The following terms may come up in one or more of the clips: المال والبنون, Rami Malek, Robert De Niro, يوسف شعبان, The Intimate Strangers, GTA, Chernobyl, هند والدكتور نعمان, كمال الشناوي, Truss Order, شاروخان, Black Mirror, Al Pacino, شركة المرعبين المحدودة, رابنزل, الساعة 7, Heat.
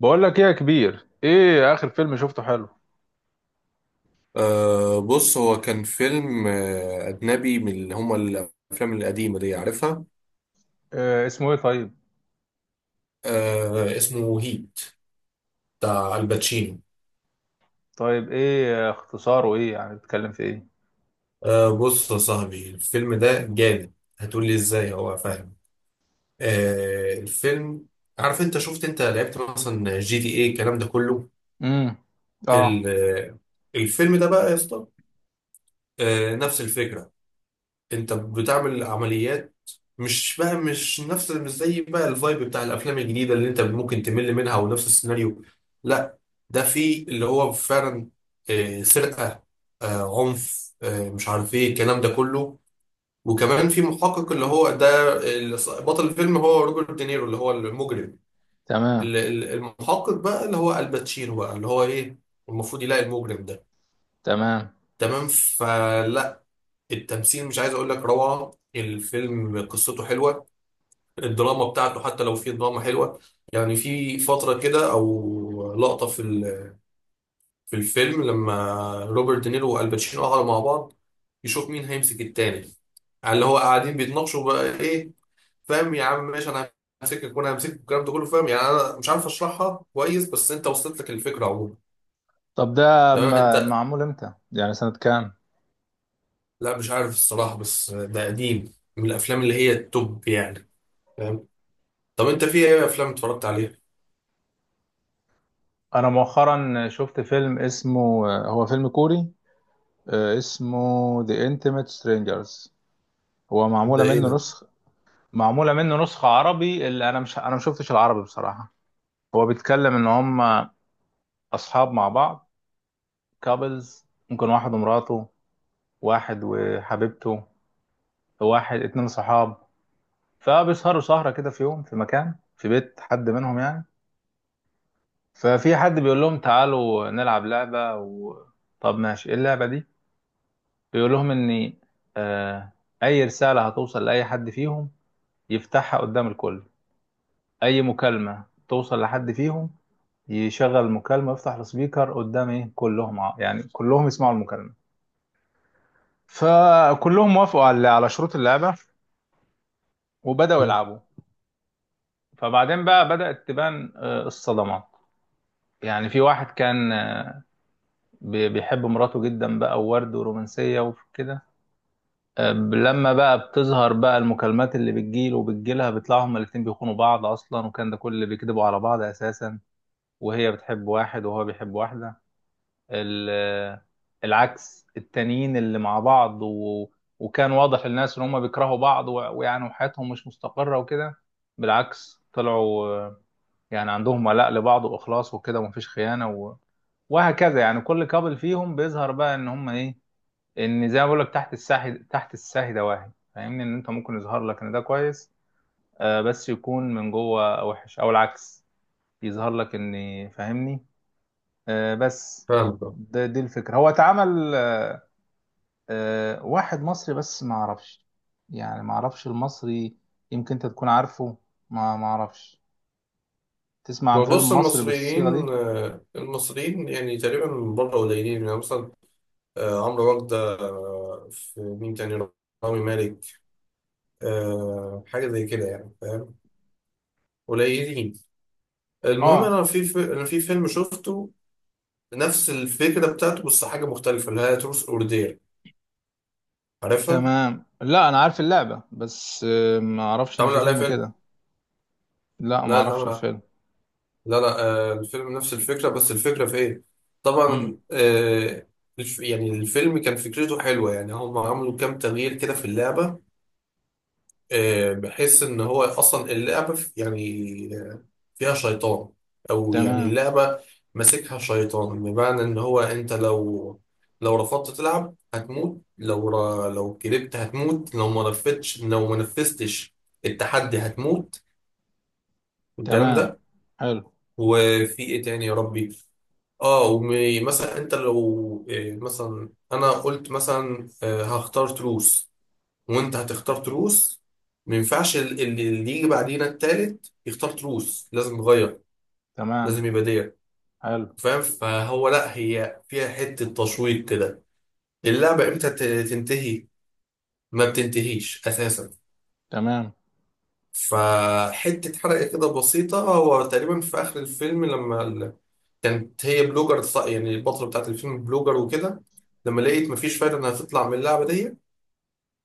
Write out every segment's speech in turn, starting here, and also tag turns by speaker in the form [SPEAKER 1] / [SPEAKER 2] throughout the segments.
[SPEAKER 1] بقول لك ايه يا كبير، ايه اخر فيلم شفته حلو؟
[SPEAKER 2] بص هو كان فيلم أجنبي من اللي هما الأفلام القديمة دي عارفها.
[SPEAKER 1] إيه اسمه ايه طيب؟
[SPEAKER 2] اسمه هيت، بتاع الباتشينو.
[SPEAKER 1] طيب ايه اختصاره، ايه يعني بيتكلم في ايه؟
[SPEAKER 2] بص يا صاحبي الفيلم ده جامد. هتقولي ازاي هو فاهم؟ الفيلم، عارف انت شفت، انت لعبت مثلا جي تي ايه الكلام ده كله.
[SPEAKER 1] امم.
[SPEAKER 2] ال-
[SPEAKER 1] اه.
[SPEAKER 2] آه، الفيلم ده بقى يا اسطى، نفس الفكرة، انت بتعمل عمليات. مش زي بقى الفايب بتاع الافلام الجديده اللي انت ممكن تمل منها ونفس السيناريو، لا. ده في اللي هو فعلا سرقه، عنف، مش عارف ايه الكلام ده كله. وكمان في محقق اللي هو ده اللي بطل الفيلم هو روبرت دينيرو اللي هو المجرم.
[SPEAKER 1] تمام.
[SPEAKER 2] المحقق بقى اللي هو الباتشينو بقى اللي هو ايه، المفروض يلاقي المجرم ده.
[SPEAKER 1] تمام.
[SPEAKER 2] تمام فلا، التمثيل مش عايز اقول لك روعه، الفيلم قصته حلوه، الدراما بتاعته حتى لو في دراما حلوة. يعني في فترة كده أو لقطة في الفيلم لما روبرت دينيرو والباتشينو قعدوا مع بعض يشوف مين هيمسك التاني، على اللي هو قاعدين بيتناقشوا بقى إيه. فاهم يا عم، ماشي أنا همسكك وأنا همسكك والكلام ده كله، فاهم؟ يعني أنا مش عارف أشرحها كويس بس أنت وصلت لك الفكرة عموما.
[SPEAKER 1] طب ده
[SPEAKER 2] تمام أنت.
[SPEAKER 1] معمول امتى، يعني سنة كام؟
[SPEAKER 2] لا مش عارف الصراحة، بس ده قديم من الأفلام اللي هي التوب يعني، فاهم؟ طب أنت في إيه أفلام اتفرجت عليها؟
[SPEAKER 1] انا مؤخرا شفت فيلم اسمه هو فيلم كوري. اسمه The Intimate Strangers. هو
[SPEAKER 2] ده
[SPEAKER 1] معمولة
[SPEAKER 2] إيه
[SPEAKER 1] منه
[SPEAKER 2] ده؟
[SPEAKER 1] نسخة. معمولة منه نسخة عربي، اللي انا ما شفتش العربي بصراحة. هو بيتكلم ان هم اصحاب مع بعض، كابلز، ممكن واحد ومراته، واحد وحبيبته، واحد اتنين صحاب. فبيسهروا سهرة كده في يوم في مكان في بيت حد منهم يعني. ففي حد بيقول لهم تعالوا نلعب لعبة. طب ماشي، ايه اللعبة دي؟ بيقول لهم ان آه اي رسالة هتوصل لأي حد فيهم يفتحها قدام الكل. اي مكالمة توصل لحد فيهم يشغل المكالمة، يفتح السبيكر قدام ايه كلهم، يعني كلهم يسمعوا المكالمة. فكلهم وافقوا على شروط اللعبة وبدأوا يلعبوا. فبعدين بقى بدأت تبان الصدمات. يعني في واحد كان، بيحب مراته جدا بقى، وورد ورومانسية وكده. لما بقى بتظهر بقى المكالمات اللي بتجيله وبتجيلها، بيطلعوا هما الاتنين بيخونوا بعض أصلا، وكان ده كل اللي بيكذبوا على بعض أساسا. وهي بتحب واحد وهو بيحب واحدة ال- آه، العكس التانيين اللي مع بعض. وكان واضح للناس إن هما بيكرهوا بعض، ويعني وحياتهم مش مستقرة وكده. بالعكس، طلعوا يعني عندهم ولاء لبعض واخلاص وكده ومفيش خيانه. وهكذا يعني كل كابل فيهم بيظهر بقى ان هم ايه، ان زي ما بقول لك، تحت الساحي، تحت الساهي دواهي، فاهمني ان انت ممكن يظهر لك ان ده كويس آه، بس يكون من جوه وحش، او العكس يظهر لك. فاهمني. آه بس.
[SPEAKER 2] فاهم.
[SPEAKER 1] ده دي الفكره، هو اتعمل آه واحد مصري بس ما اعرفش، يعني ما اعرفش المصري، يمكن انت تكون عارفه. ما اعرفش، تسمع عن
[SPEAKER 2] ما
[SPEAKER 1] فيلم
[SPEAKER 2] بص
[SPEAKER 1] مصري بالصيغه
[SPEAKER 2] المصريين،
[SPEAKER 1] دي؟
[SPEAKER 2] المصريين يعني تقريبا من بره قليلين، يعني مثلا عمرو وردة، في مين تاني، رامي مالك، حاجة زي كده يعني، فاهم، قليلين. المهم
[SPEAKER 1] اه.
[SPEAKER 2] أنا أنا في فيلم شفته نفس الفكرة بتاعته بس حاجة مختلفة، اللي هي تروس أوردير، عارفها؟
[SPEAKER 1] تمام. لا انا عارف اللعبة بس ما اعرفش ان
[SPEAKER 2] اتعمل
[SPEAKER 1] في
[SPEAKER 2] عليها
[SPEAKER 1] فيلم
[SPEAKER 2] فيلم؟
[SPEAKER 1] كده. لا ما
[SPEAKER 2] لا
[SPEAKER 1] اعرفش
[SPEAKER 2] اتعمل،
[SPEAKER 1] الفيلم.
[SPEAKER 2] لا لا، الفيلم نفس الفكرة، بس الفكرة في إيه؟
[SPEAKER 1] امم.
[SPEAKER 2] طبعا يعني الفيلم كان فكرته حلوة، يعني هم عملوا كام تغيير كده في اللعبة، بحيث ان هو اصلا اللعبه يعني فيها شيطان، او يعني
[SPEAKER 1] تمام.
[SPEAKER 2] اللعبه ماسكها شيطان، بمعنى ان هو انت لو، لو رفضت تلعب هتموت، لو لو كذبت هتموت، لو ما نفذتش التحدي هتموت، والكلام
[SPEAKER 1] تمام.
[SPEAKER 2] ده.
[SPEAKER 1] حلو.
[SPEAKER 2] وفي ايه تاني يا ربي؟ اه، ومثلا انت لو مثلا انا قلت مثلا هختار تروس، وانت هتختار تروس، ما ينفعش اللي يجي بعدينا التالت يختار تروس، لازم نغير، لازم
[SPEAKER 1] تمام.
[SPEAKER 2] يبقى ديت.
[SPEAKER 1] حلو.
[SPEAKER 2] فاهم؟ فهو لا هي فيها حتة تشويق كده، اللعبة امتى تنتهي؟ ما بتنتهيش اساسا.
[SPEAKER 1] تمام.
[SPEAKER 2] فحتة حرقة كده بسيطة، هو تقريبا في اخر الفيلم لما كانت هي بلوجر، يعني البطلة بتاعت الفيلم بلوجر وكده، لما لقيت مفيش فايدة انها تطلع من اللعبة دي،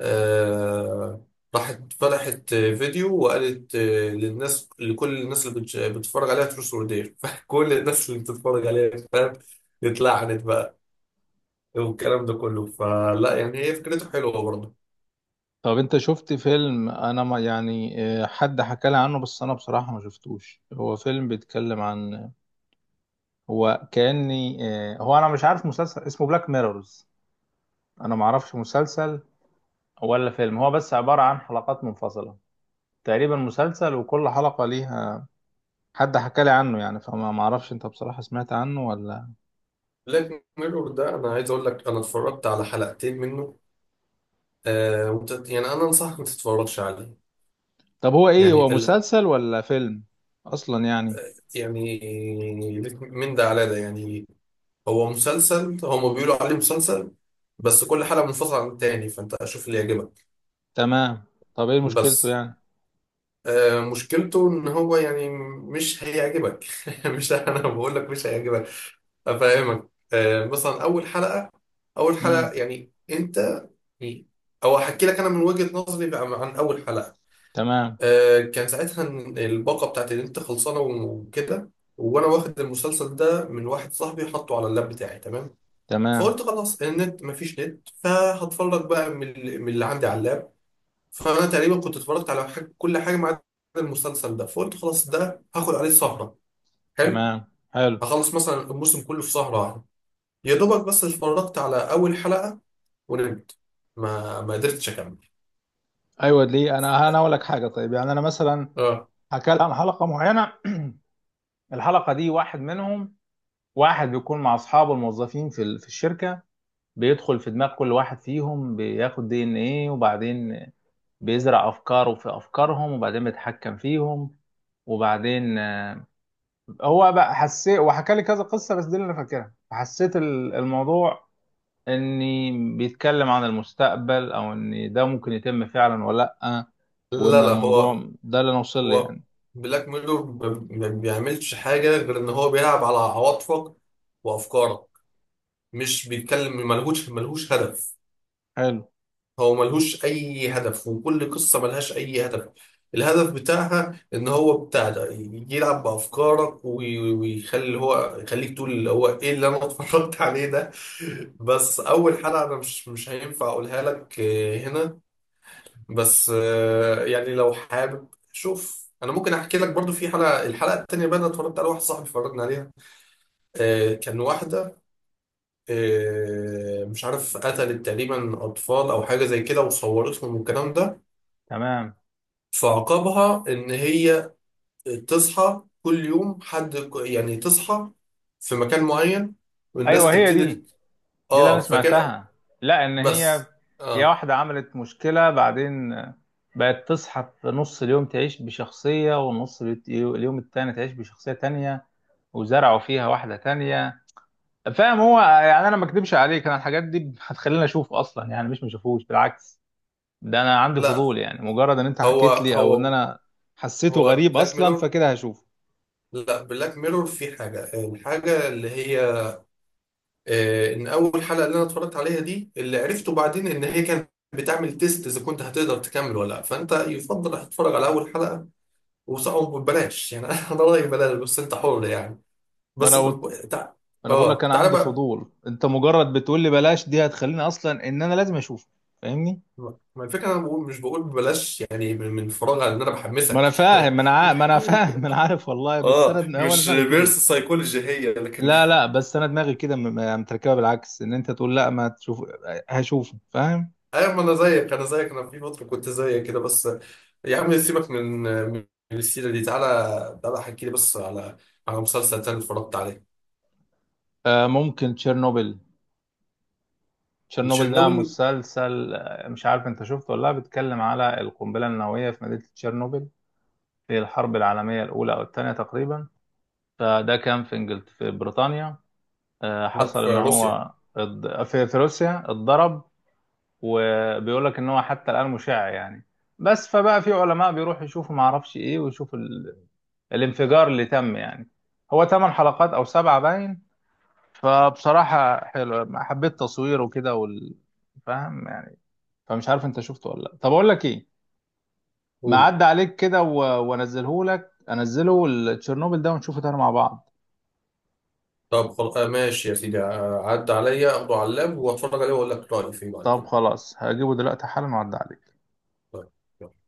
[SPEAKER 2] آه، راحت فتحت فيديو وقالت للناس، لكل الناس اللي بتتفرج عليها تروس ورديه فكل الناس اللي بتتفرج عليها، فاهم، اتلعنت بقى والكلام ده كله. فلا يعني هي فكرته حلوه برضه.
[SPEAKER 1] طب انت شفت فيلم انا ما يعني، حد حكى لي عنه بس انا بصراحة ما شفتوش، هو فيلم بيتكلم عن، هو كأني هو انا مش عارف، مسلسل اسمه بلاك ميرورز، انا ما اعرفش مسلسل ولا فيلم، هو بس عبارة عن حلقات منفصلة، تقريبا مسلسل وكل حلقة ليها، حد حكى لي عنه يعني، فما ما اعرفش، انت بصراحة سمعت عنه ولا؟
[SPEAKER 2] بلاك ميرور ده انا عايز اقول لك انا اتفرجت على حلقتين منه. يعني انا انصحك ما تتفرجش عليه.
[SPEAKER 1] طب هو ايه، هو
[SPEAKER 2] يعني ال-
[SPEAKER 1] مسلسل ولا فيلم اصلا يعني؟
[SPEAKER 2] يعني ليك من ده على ده يعني. هو مسلسل، هما بيقولوا عليه مسلسل بس كل حلقه منفصله عن التاني، فانت شوف اللي يعجبك.
[SPEAKER 1] تمام. طب ايه مشكلته
[SPEAKER 2] بس
[SPEAKER 1] يعني؟
[SPEAKER 2] مشكلته ان هو يعني مش هيعجبك مش انا بقول لك مش هيعجبك، افهمك، مثلا اول حلقة، اول
[SPEAKER 1] امم.
[SPEAKER 2] حلقة يعني انت، او هحكي لك انا من وجهة نظري بقى عن اول حلقة.
[SPEAKER 1] تمام.
[SPEAKER 2] كان ساعتها الباقة بتاعت النت خلصانة وكده، وانا واخد المسلسل ده من واحد صاحبي حطه على اللاب بتاعي، تمام.
[SPEAKER 1] تمام.
[SPEAKER 2] فقلت خلاص النت مفيش نت، فهتفرج بقى من من اللي عندي على اللاب. فانا تقريبا كنت اتفرجت على حاجة كل حاجه ما عدا المسلسل ده، فقلت خلاص ده هاخد عليه سهره حلو،
[SPEAKER 1] تمام. حلو.
[SPEAKER 2] هخلص مثلا الموسم كله في سهره واحده. يا دوبك بس اتفرجت على اول حلقه ونمت، ما قدرتش اكمل.
[SPEAKER 1] ايوه ليه، انا اقول لك حاجة طيب، يعني انا مثلا
[SPEAKER 2] اه.
[SPEAKER 1] حكى لي عن حلقة معينة. الحلقة دي واحد منهم، واحد بيكون مع اصحابه الموظفين في الشركة، بيدخل في دماغ كل واحد فيهم، بياخد دي ان ايه، وبعدين بيزرع افكاره في افكارهم، وبعدين بيتحكم فيهم. وبعدين هو بقى حسيت، وحكى لي كذا قصه بس دي اللي انا فاكرها، حسيت الموضوع اني بيتكلم عن المستقبل، او ان ده ممكن يتم فعلا ولا لا.
[SPEAKER 2] لا
[SPEAKER 1] وان
[SPEAKER 2] لا، هو
[SPEAKER 1] الموضوع ده اللي انا وصل لي
[SPEAKER 2] هو
[SPEAKER 1] يعني.
[SPEAKER 2] بلاك ميرور ما بيعملش حاجه غير ان هو بيلعب على عواطفك وافكارك، مش بيتكلم، ملهوش هدف.
[SPEAKER 1] حلو.
[SPEAKER 2] هو ملهوش اي هدف، وكل قصه ملهاش اي هدف. الهدف بتاعها ان هو بتاع ده يلعب بافكارك ويخلي هو يخليك تقول اللي هو ايه اللي انا اتفرجت عليه ده. بس اول حلقه انا مش هينفع اقولها لك هنا. بس يعني لو حابب شوف انا ممكن احكي لك برضو في حلقه، الحلقه التانيه بقى انا اتفرجت على واحد صاحبي اتفرجنا عليها. كان واحده مش عارف قتلت تقريبا اطفال او حاجه زي كده وصورتهم والكلام ده.
[SPEAKER 1] تمام.
[SPEAKER 2] فعقابها ان هي تصحى كل يوم حد يعني تصحى في مكان معين والناس
[SPEAKER 1] ايوه هي دي،
[SPEAKER 2] تبتدي.
[SPEAKER 1] دي اللي انا
[SPEAKER 2] اه فكان،
[SPEAKER 1] سمعتها. لا ان هي
[SPEAKER 2] بس
[SPEAKER 1] هي
[SPEAKER 2] اه.
[SPEAKER 1] واحده عملت مشكله، بعدين بقت تصحى في نص اليوم تعيش بشخصيه، ونص اليوم التاني تعيش بشخصيه تانية، وزرعوا فيها واحده تانية. فاهم، هو يعني انا ما اكدبش عليك، انا الحاجات دي هتخليني اشوف اصلا، يعني مش ما اشوفوش، بالعكس، ده انا عندي
[SPEAKER 2] لا،
[SPEAKER 1] فضول يعني، مجرد ان انت
[SPEAKER 2] هو
[SPEAKER 1] حكيت لي، او ان
[SPEAKER 2] هو
[SPEAKER 1] انا حسيته
[SPEAKER 2] هو
[SPEAKER 1] غريب
[SPEAKER 2] بلاك
[SPEAKER 1] اصلا
[SPEAKER 2] ميرور،
[SPEAKER 1] فكده هشوفه.
[SPEAKER 2] لا بلاك ميرور في حاجة، الحاجة اللي هي آه ان اول حلقة اللي انا اتفرجت عليها دي اللي عرفته بعدين ان هي كانت بتعمل تيست اذا كنت هتقدر تكمل ولا لا، فانت يفضل هتتفرج على اول حلقة وصعب. ببلاش يعني انا رأيي بلاش، بس انت حر يعني.
[SPEAKER 1] ما
[SPEAKER 2] بس
[SPEAKER 1] انا
[SPEAKER 2] ب...
[SPEAKER 1] قلت، ما
[SPEAKER 2] ب- تع...
[SPEAKER 1] انا بقول لك
[SPEAKER 2] اه
[SPEAKER 1] انا
[SPEAKER 2] تعالى
[SPEAKER 1] عندي
[SPEAKER 2] بقى.
[SPEAKER 1] فضول، انت مجرد بتقول لي بلاش دي هتخليني اصلا ان انا لازم اشوفه، فاهمني.
[SPEAKER 2] ما الفكره انا بقول، مش بقول ببلاش يعني من من فراغ، ان انا
[SPEAKER 1] ما انا
[SPEAKER 2] بحمسك
[SPEAKER 1] فاهم، ما انا عارف والله، بس
[SPEAKER 2] اه
[SPEAKER 1] هو أنا
[SPEAKER 2] مش
[SPEAKER 1] دماغي
[SPEAKER 2] ريفيرس
[SPEAKER 1] كده.
[SPEAKER 2] سايكولوجي هي لكن
[SPEAKER 1] لا لا، بس انا دماغي كده متركبه بالعكس، ان انت تقول لا ما تشوف، هشوفه، فاهم.
[SPEAKER 2] ايوه، ما انا زيك انا زيك، انا في فتره كنت زيك كده بس. يا عم سيبك من من السيره دي، تعالى احكي لي بس على على مسلسل تاني اتفرجت عليه.
[SPEAKER 1] آه ممكن تشيرنوبل. تشيرنوبل ده
[SPEAKER 2] تشيرنوبل.
[SPEAKER 1] مسلسل، مش عارف انت شفته ولا لا، بيتكلم على القنبلة النووية في مدينة تشيرنوبل في الحرب العالمية الأولى أو الثانية تقريبا. فده كان في إنجلت في بريطانيا.
[SPEAKER 2] لا
[SPEAKER 1] حصل
[SPEAKER 2] في
[SPEAKER 1] إن
[SPEAKER 2] روسيا.
[SPEAKER 1] هو في روسيا اتضرب. وبيقول لك إن هو حتى الآن مشع يعني. بس فبقى في علماء بيروحوا يشوفوا ما اعرفش ايه، ويشوفوا الانفجار اللي تم يعني. هو ثمان حلقات او سبعة باين. فبصراحة حلو، حبيت تصويره كده. فاهم. فمش عارف انت شفته ولا لا، طب اقول لك ايه، ما
[SPEAKER 2] قول.
[SPEAKER 1] عدى عليك كده و... وانزله لك، انزله التشيرنوبل ده ونشوفه تاني مع بعض.
[SPEAKER 2] طب خلاص ماشي يا سيدي، عدى عليا اخده على اللاب واتفرج عليه واقول لك رايي فيه بعد
[SPEAKER 1] طب
[SPEAKER 2] كده.
[SPEAKER 1] خلاص هجيبه دلوقتي حالا وعدى عليك.
[SPEAKER 2] طيب.